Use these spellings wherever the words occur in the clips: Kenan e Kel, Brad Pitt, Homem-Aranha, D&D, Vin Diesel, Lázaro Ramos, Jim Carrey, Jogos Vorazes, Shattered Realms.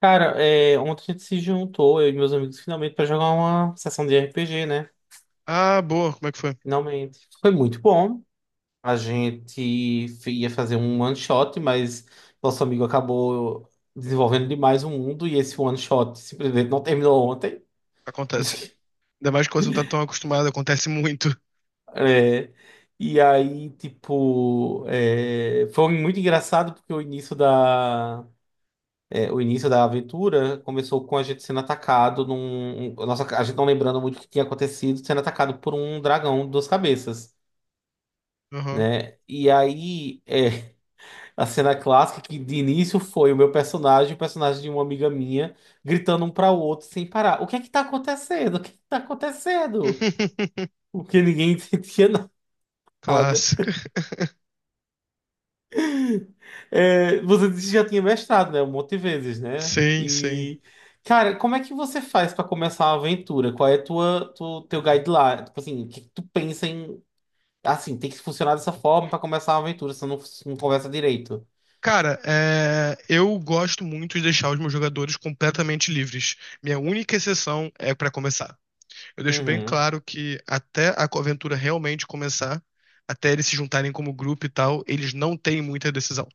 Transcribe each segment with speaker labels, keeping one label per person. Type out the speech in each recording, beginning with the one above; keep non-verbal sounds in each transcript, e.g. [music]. Speaker 1: Cara, ontem a gente se juntou, eu e meus amigos, finalmente, para jogar uma sessão de RPG, né?
Speaker 2: Ah, boa, como é que foi?
Speaker 1: Finalmente. Foi muito bom. A gente ia fazer um one shot, mas nosso amigo acabou desenvolvendo demais o mundo e esse one shot simplesmente não terminou ontem.
Speaker 2: Acontece.
Speaker 1: [laughs]
Speaker 2: Ainda mais quando você não tá tão acostumado, acontece muito.
Speaker 1: É, e aí, tipo, foi muito engraçado porque o início da aventura começou com a gente sendo atacado nossa, a gente não lembrando muito o que tinha acontecido, sendo atacado por um dragão de duas cabeças,
Speaker 2: Aham.
Speaker 1: né? E aí, [laughs] a cena clássica que de início foi o meu personagem e o personagem de uma amiga minha, gritando um para o outro sem parar: o que é que tá acontecendo? O que é que tá acontecendo?
Speaker 2: [laughs]
Speaker 1: Porque ninguém [laughs] entendia nada.
Speaker 2: Clássico.
Speaker 1: É, você disse que já tinha mestrado, né? Um monte de vezes, né?
Speaker 2: Sim, sim.
Speaker 1: E, cara, como é que você faz para começar uma aventura? Qual é a teu guideline? Tipo assim, o que que tu pensa em, assim, tem que funcionar dessa forma para começar uma aventura, se não conversa direito.
Speaker 2: Cara, é, eu gosto muito de deixar os meus jogadores completamente livres. Minha única exceção é pra começar. Eu deixo bem
Speaker 1: Uhum,
Speaker 2: claro que até a aventura realmente começar, até eles se juntarem como grupo e tal, eles não têm muita decisão.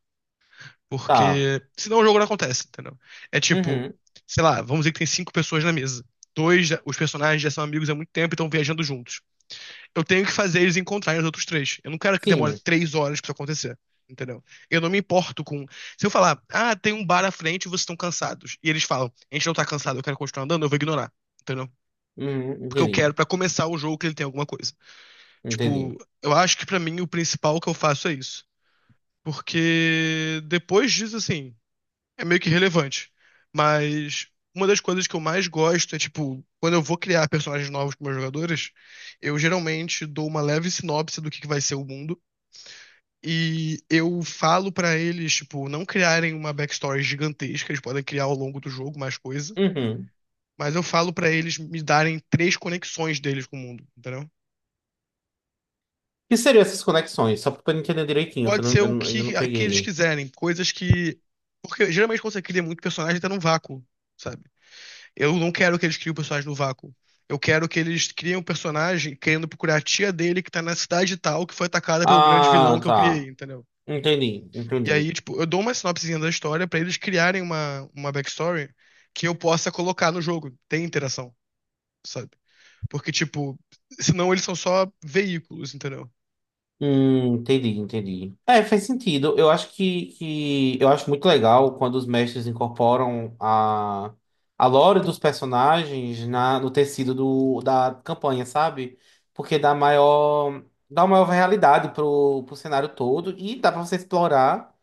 Speaker 1: tá.
Speaker 2: Porque senão o jogo não acontece, entendeu? É tipo,
Speaker 1: Uhum,
Speaker 2: sei lá, vamos dizer que tem cinco pessoas na mesa. Os personagens já são amigos há muito tempo e estão viajando juntos. Eu tenho que fazer eles encontrarem os outros três. Eu não quero que demore
Speaker 1: sim.
Speaker 2: três horas pra isso acontecer, entendeu? Eu não me importo com. Se eu falar, ah, tem um bar à frente e vocês estão cansados. E eles falam, a gente não tá cansado, eu quero continuar andando, eu vou ignorar, entendeu?
Speaker 1: Uhum,
Speaker 2: Porque eu
Speaker 1: entendi,
Speaker 2: quero pra começar o jogo que ele tem alguma coisa.
Speaker 1: entendi.
Speaker 2: Tipo, eu acho que pra mim o principal que eu faço é isso. Porque depois disso, assim é meio que irrelevante. Mas uma das coisas que eu mais gosto é, tipo, quando eu vou criar personagens novos com meus jogadores, eu geralmente dou uma leve sinopse do que vai ser o mundo. E eu falo pra eles, tipo, não criarem uma backstory gigantesca, eles podem criar ao longo do jogo mais coisa.
Speaker 1: Uhum.
Speaker 2: Mas eu falo pra eles me darem três conexões deles com o mundo, entendeu?
Speaker 1: O que seriam essas conexões? Só para entender direitinho, que
Speaker 2: Pode ser
Speaker 1: eu
Speaker 2: o
Speaker 1: não- ainda não
Speaker 2: que, que eles
Speaker 1: peguei.
Speaker 2: quiserem, coisas que. Porque geralmente quando você cria muito personagem, tá num vácuo, sabe? Eu não quero que eles criem o personagem no vácuo. Eu quero que eles criem um personagem querendo procurar a tia dele que tá na cidade tal, que foi atacada pelo grande vilão
Speaker 1: Ah,
Speaker 2: que eu criei,
Speaker 1: tá.
Speaker 2: entendeu?
Speaker 1: Entendi,
Speaker 2: E
Speaker 1: entendi.
Speaker 2: aí, tipo, eu dou uma sinopsezinha da história pra eles criarem uma backstory que eu possa colocar no jogo. Tem interação, sabe? Porque, tipo, senão eles são só veículos, entendeu?
Speaker 1: Entendi, entendi. É, faz sentido. Eu acho que eu acho muito legal quando os mestres incorporam a lore dos personagens no tecido da campanha, sabe? Porque dá maior, dá uma maior realidade pro cenário todo e dá pra você explorar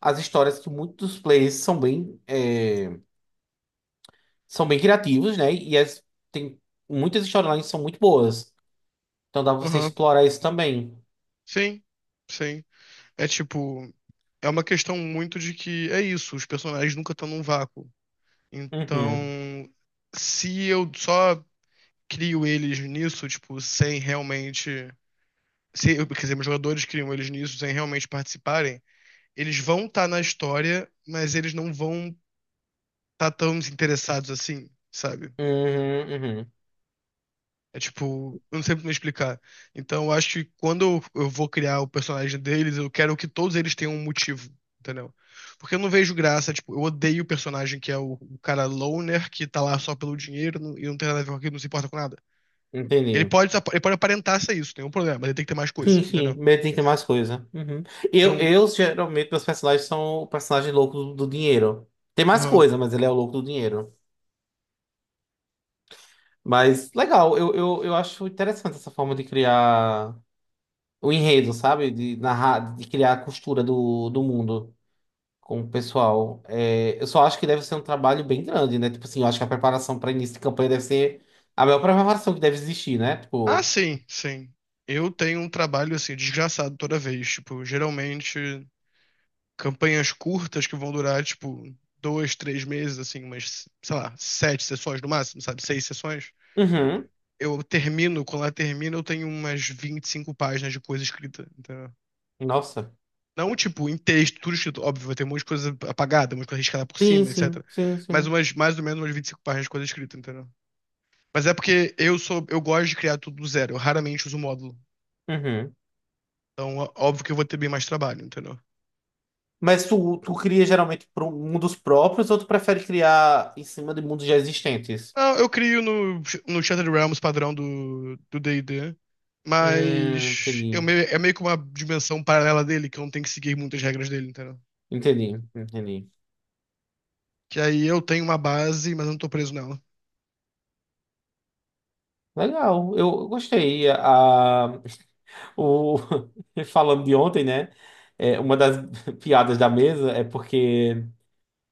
Speaker 1: as histórias que muitos players são bem, são bem criativos, né? Tem muitas histórias que são muito boas. Então dá pra você
Speaker 2: Aham.
Speaker 1: explorar isso também.
Speaker 2: Sim, sim. É tipo, é uma questão muito de que é isso, os personagens nunca estão num vácuo.
Speaker 1: Uhum.
Speaker 2: Então, se eu só crio eles nisso, tipo, sem realmente. Se, quer dizer, meus jogadores criam eles nisso sem realmente participarem, eles vão estar na história, mas eles não vão estar tão interessados assim, sabe?
Speaker 1: Uhum, uhum.
Speaker 2: É tipo, eu não sei muito me explicar. Então, eu acho que quando eu vou criar o personagem deles, eu quero que todos eles tenham um motivo, entendeu? Porque eu não vejo graça, tipo, eu odeio o personagem que é o cara loner, que tá lá só pelo dinheiro e não tem nada a ver com aquilo, não se importa com nada. Ele
Speaker 1: Entendi.
Speaker 2: pode, ele pode aparentar ser isso, tem um problema, mas ele tem que ter mais coisa,
Speaker 1: Sim.
Speaker 2: entendeu?
Speaker 1: Medo tem que ter mais coisa. Uhum.
Speaker 2: Então,
Speaker 1: Geralmente, meus personagens são o personagem louco do dinheiro. Tem mais
Speaker 2: aham.
Speaker 1: coisa, mas ele é o louco do dinheiro. Mas legal, eu acho interessante essa forma de criar o enredo, sabe? De narrar, de criar a costura do mundo com o pessoal. É, eu só acho que deve ser um trabalho bem grande, né? Tipo assim, eu acho que a preparação para início de campanha deve ser a melhor preparação que deve existir, né?
Speaker 2: Ah,
Speaker 1: Tipo.
Speaker 2: sim, sim. Eu tenho um trabalho, assim, desgraçado toda vez. Tipo, geralmente. Campanhas curtas que vão durar, tipo, dois, três meses, assim, umas, sei lá, sete sessões no máximo, sabe? Seis sessões.
Speaker 1: Uhum.
Speaker 2: Eu termino, quando ela termina, eu tenho umas 25 páginas de coisa escrita, entendeu?
Speaker 1: Nossa.
Speaker 2: Não, tipo, em texto, tudo escrito, óbvio, vai ter um monte de coisa apagada, um monte de coisa riscada por
Speaker 1: Sim,
Speaker 2: cima, etc.
Speaker 1: sim, sim,
Speaker 2: Mas
Speaker 1: sim.
Speaker 2: umas, mais ou menos umas 25 páginas de coisa escrita, entendeu? Mas é porque eu sou, eu gosto de criar tudo do zero, eu raramente uso módulo.
Speaker 1: Uhum.
Speaker 2: Então, óbvio que eu vou ter bem mais trabalho, entendeu?
Speaker 1: Mas tu cria geralmente para mundos próprios ou tu prefere criar em cima de mundos já existentes?
Speaker 2: Não, eu crio no, no Shattered Realms padrão do D&D, mas eu
Speaker 1: Entendi.
Speaker 2: meio, é meio que uma dimensão paralela dele, que eu não tenho que seguir muitas regras dele, entendeu?
Speaker 1: Entendi, entendi.
Speaker 2: Que aí eu tenho uma base, mas eu não tô preso nela.
Speaker 1: Legal, eu gostei. O, [laughs] falando de ontem, né? É, uma das [laughs] piadas da mesa é porque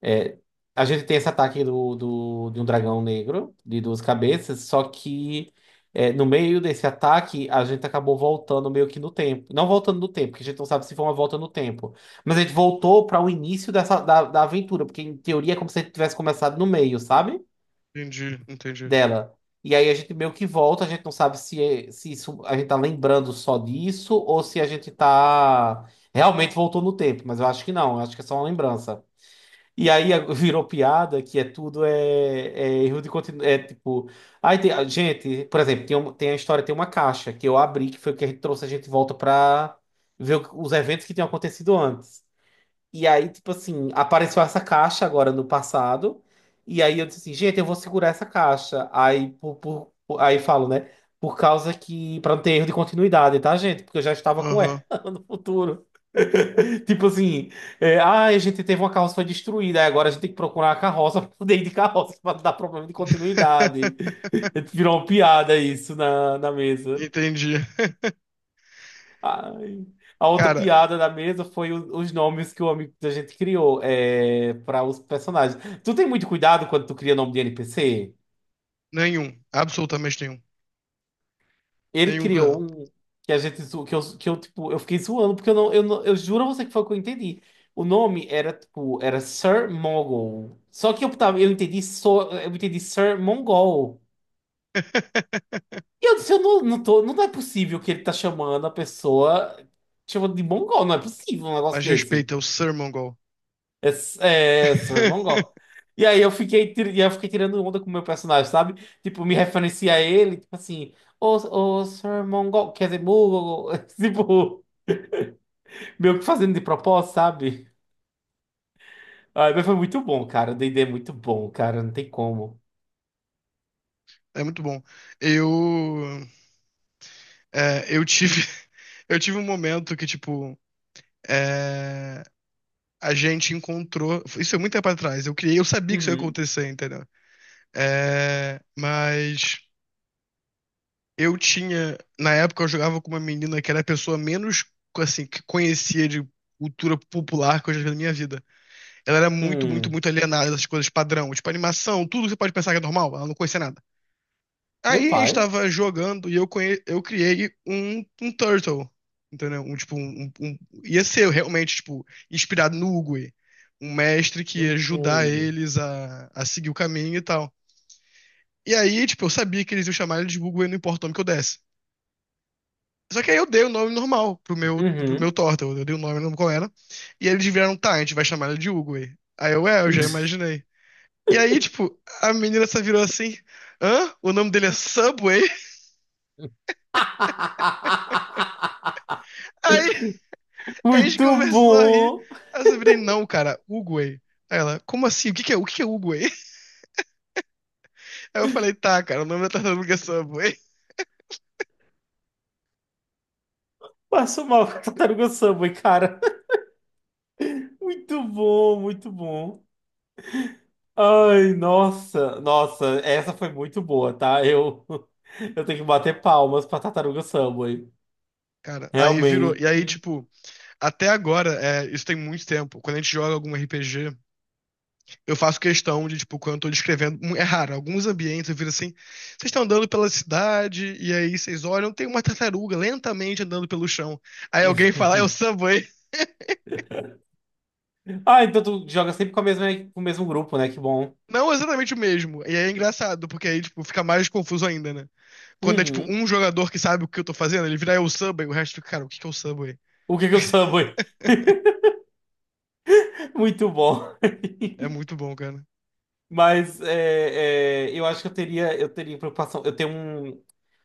Speaker 1: é, a gente tem esse ataque de um dragão negro de duas cabeças, só que é, no meio desse ataque a gente acabou voltando meio que no tempo. Não voltando no tempo, porque a gente não sabe se foi uma volta no tempo. Mas a gente voltou para o início da aventura, porque em teoria é como se a gente tivesse começado no meio, sabe?
Speaker 2: Entendi, entendi.
Speaker 1: Dela. E aí a gente meio que volta, a gente não sabe se isso, a gente tá lembrando só disso ou se a gente tá realmente voltou no tempo. Mas eu acho que não, eu acho que é só uma lembrança. E aí virou piada que é tudo é erro de continuidade. É tipo. Aí tem, gente, por exemplo, tem a história, tem uma caixa que eu abri, que foi o que a gente trouxe a gente de volta pra ver os eventos que tinham acontecido antes. E aí, tipo assim, apareceu essa caixa agora no passado. E aí eu disse assim, gente, eu vou segurar essa caixa. Aí, aí falo, né? Por causa que. Pra não ter erro de continuidade, tá, gente? Porque eu já estava com ela
Speaker 2: Aham.
Speaker 1: [laughs] no futuro. [laughs] Tipo assim, ah, a gente teve uma carroça que foi destruída, aí agora a gente tem que procurar a carroça para poder ir de carroça para dar problema de continuidade.
Speaker 2: [laughs]
Speaker 1: Virou uma piada isso na mesa.
Speaker 2: Entendi. [laughs]
Speaker 1: Ai. A outra
Speaker 2: Cara,
Speaker 1: piada da mesa foi os nomes que o amigo da gente criou é, para os personagens. Tu tem muito cuidado quando tu cria nome de NPC?
Speaker 2: nenhum. Absolutamente nenhum.
Speaker 1: Ele
Speaker 2: Nenhum
Speaker 1: criou
Speaker 2: cuidado.
Speaker 1: um que a gente zo- que eu tipo, eu fiquei zoando porque eu não, eu não, eu juro a você que foi o que eu entendi. O nome era tipo, era Sir Mongol. Só que eu tava, eu entendi só, eu entendi Sir Mongol.
Speaker 2: [laughs]
Speaker 1: E eu disse, eu não, não tô, não é possível que ele tá chamando a pessoa chamando de mongol, não é possível um negócio
Speaker 2: Mas
Speaker 1: desse.
Speaker 2: respeita, é o Sir Mongol.
Speaker 1: É, é Sir Mongol.
Speaker 2: [laughs]
Speaker 1: E aí eu fiquei, tirando onda com o meu personagem, sabe? Tipo, me referencia a ele, tipo assim, Sir Mongol, quer dizer, Mongol, [laughs] tipo. Meio que fazendo de propósito, sabe? Ah, mas foi muito bom, cara. O D&D é muito bom, cara. Não tem como.
Speaker 2: É muito bom. Eu, eu tive, [laughs] eu tive um momento que, tipo, é, a gente encontrou. Isso é muito tempo atrás. Eu criei, eu sabia que isso ia
Speaker 1: Uhum.
Speaker 2: acontecer, entendeu? É, mas eu tinha. Na época eu jogava com uma menina que era a pessoa menos assim, que conhecia de cultura popular que eu já vi na minha vida. Ela era muito, muito,
Speaker 1: Hum.
Speaker 2: muito alienada dessas coisas padrão, tipo animação, tudo que você pode pensar que é normal, ela não conhecia nada.
Speaker 1: Meu
Speaker 2: Aí a gente
Speaker 1: pai.
Speaker 2: tava jogando e eu, conhe... eu criei um Turtle, entendeu? Um, tipo, um, ia ser realmente, tipo, inspirado no Uguay. Um mestre que ia ajudar
Speaker 1: Uhum.
Speaker 2: eles a seguir o caminho e tal. E aí, tipo, eu sabia que eles iam chamar ele de Uguay, não importa o nome que eu desse. Só que aí eu dei o nome normal pro meu
Speaker 1: Uhum.
Speaker 2: Turtle. Eu dei o nome, não lembro qual era. E eles vieram, tá, a gente vai chamar ele de Uguay. Aí eu, é, eu já imaginei. E aí, tipo, a menina só virou assim, hã? O nome dele é Subway? [laughs]
Speaker 1: [laughs]
Speaker 2: Aí Aí a gente
Speaker 1: Muito
Speaker 2: começou a rir.
Speaker 1: bom.
Speaker 2: Aí eu só virei, não, cara, Uguay. Aí ela, como assim? O que que é Uguay? [laughs] Aí eu falei, tá, cara, o nome da tartaruga é Subway.
Speaker 1: Passo mal com a tartaruga Subway, cara. Muito bom, muito bom. Ai, nossa, nossa, essa foi muito boa, tá? Eu, [laughs] eu tenho que bater palmas pra tartaruga Subway.
Speaker 2: Cara, aí virou. E aí,
Speaker 1: Realmente.
Speaker 2: tipo, até agora, é, isso tem muito tempo. Quando a gente joga algum RPG, eu faço questão de, tipo, quando eu tô descrevendo, é raro, alguns ambientes eu viro assim, vocês estão andando pela cidade, e aí vocês olham, tem uma tartaruga lentamente andando pelo chão. Aí alguém fala, é o
Speaker 1: [laughs]
Speaker 2: Subway.
Speaker 1: Ah, então tu joga sempre com a mesma, com o mesmo grupo, né? Que bom.
Speaker 2: Não exatamente o mesmo. E aí é engraçado, porque aí, tipo, fica mais confuso ainda, né? Quando é tipo
Speaker 1: Uhum.
Speaker 2: um jogador que sabe o que eu tô fazendo, ele vira eu Subway, o resto fica, cara, o que que é o Subway?
Speaker 1: O que que eu Subway? [laughs] Muito bom.
Speaker 2: É muito bom, cara.
Speaker 1: Mas eu acho eu teria preocupação. Eu tenho um.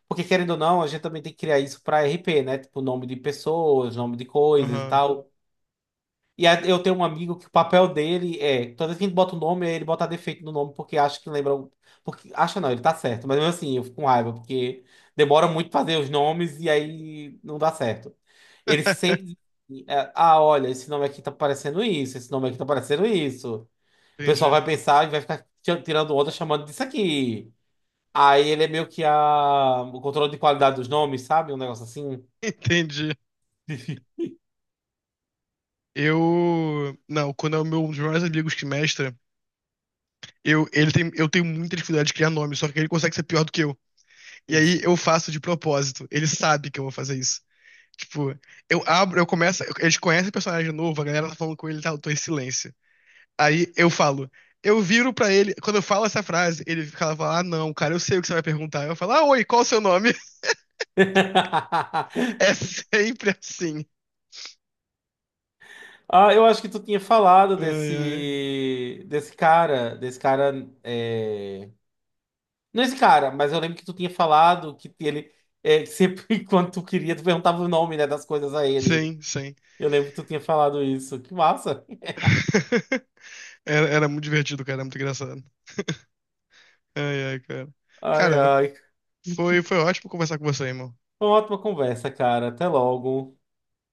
Speaker 1: Porque querendo ou não, a gente também tem que criar isso para RP, né? Tipo, nome de pessoas, nome de coisas e
Speaker 2: Aham.
Speaker 1: tal. E aí eu tenho um amigo que o papel dele é, toda vez que a gente bota o nome, ele bota defeito no nome porque acha que lembra. Porque acha não, ele tá certo. Mas mesmo assim, eu fico com raiva, porque demora muito fazer os nomes e aí não dá certo. Ele sempre diz
Speaker 2: [laughs]
Speaker 1: assim, ah, olha, esse nome aqui tá parecendo isso, esse nome aqui tá parecendo isso. O pessoal
Speaker 2: Entendi.
Speaker 1: vai pensar e vai ficar tirando onda chamando disso aqui. Aí ele é meio que a... o controle de qualidade dos nomes, sabe? Um negócio assim.
Speaker 2: Entendi. Eu. Não, quando é o meu, um dos meus amigos que mestra, eu, ele tem, eu tenho muita dificuldade de criar nome, só que ele consegue ser pior do que eu. E aí eu
Speaker 1: [laughs]
Speaker 2: faço de propósito. Ele sabe que eu vou fazer isso. Tipo, eu abro, eu começo. Eles conhecem o personagem novo, a galera tá falando com ele e tal, eu tô em silêncio. Aí eu falo, eu viro pra ele, quando eu falo essa frase, ele fica lá, fala, ah, não, cara, eu sei o que você vai perguntar. Eu falo, ah, oi, qual o seu nome? [laughs] É sempre assim.
Speaker 1: Ah, eu acho que tu tinha falado
Speaker 2: Ai, ai.
Speaker 1: desse cara, é... não esse cara, mas eu lembro que tu tinha falado que ele que sempre [laughs] quando tu queria tu perguntava o nome, né, das coisas a ele.
Speaker 2: Sim, sim.
Speaker 1: Eu lembro que tu tinha falado isso. Que massa!
Speaker 2: [laughs] Era muito divertido, cara, era muito engraçado. Ai, ai, cara.
Speaker 1: Ai,
Speaker 2: Cara,
Speaker 1: ai.
Speaker 2: foi ótimo conversar com você, irmão.
Speaker 1: Foi uma ótima conversa, cara. Até logo.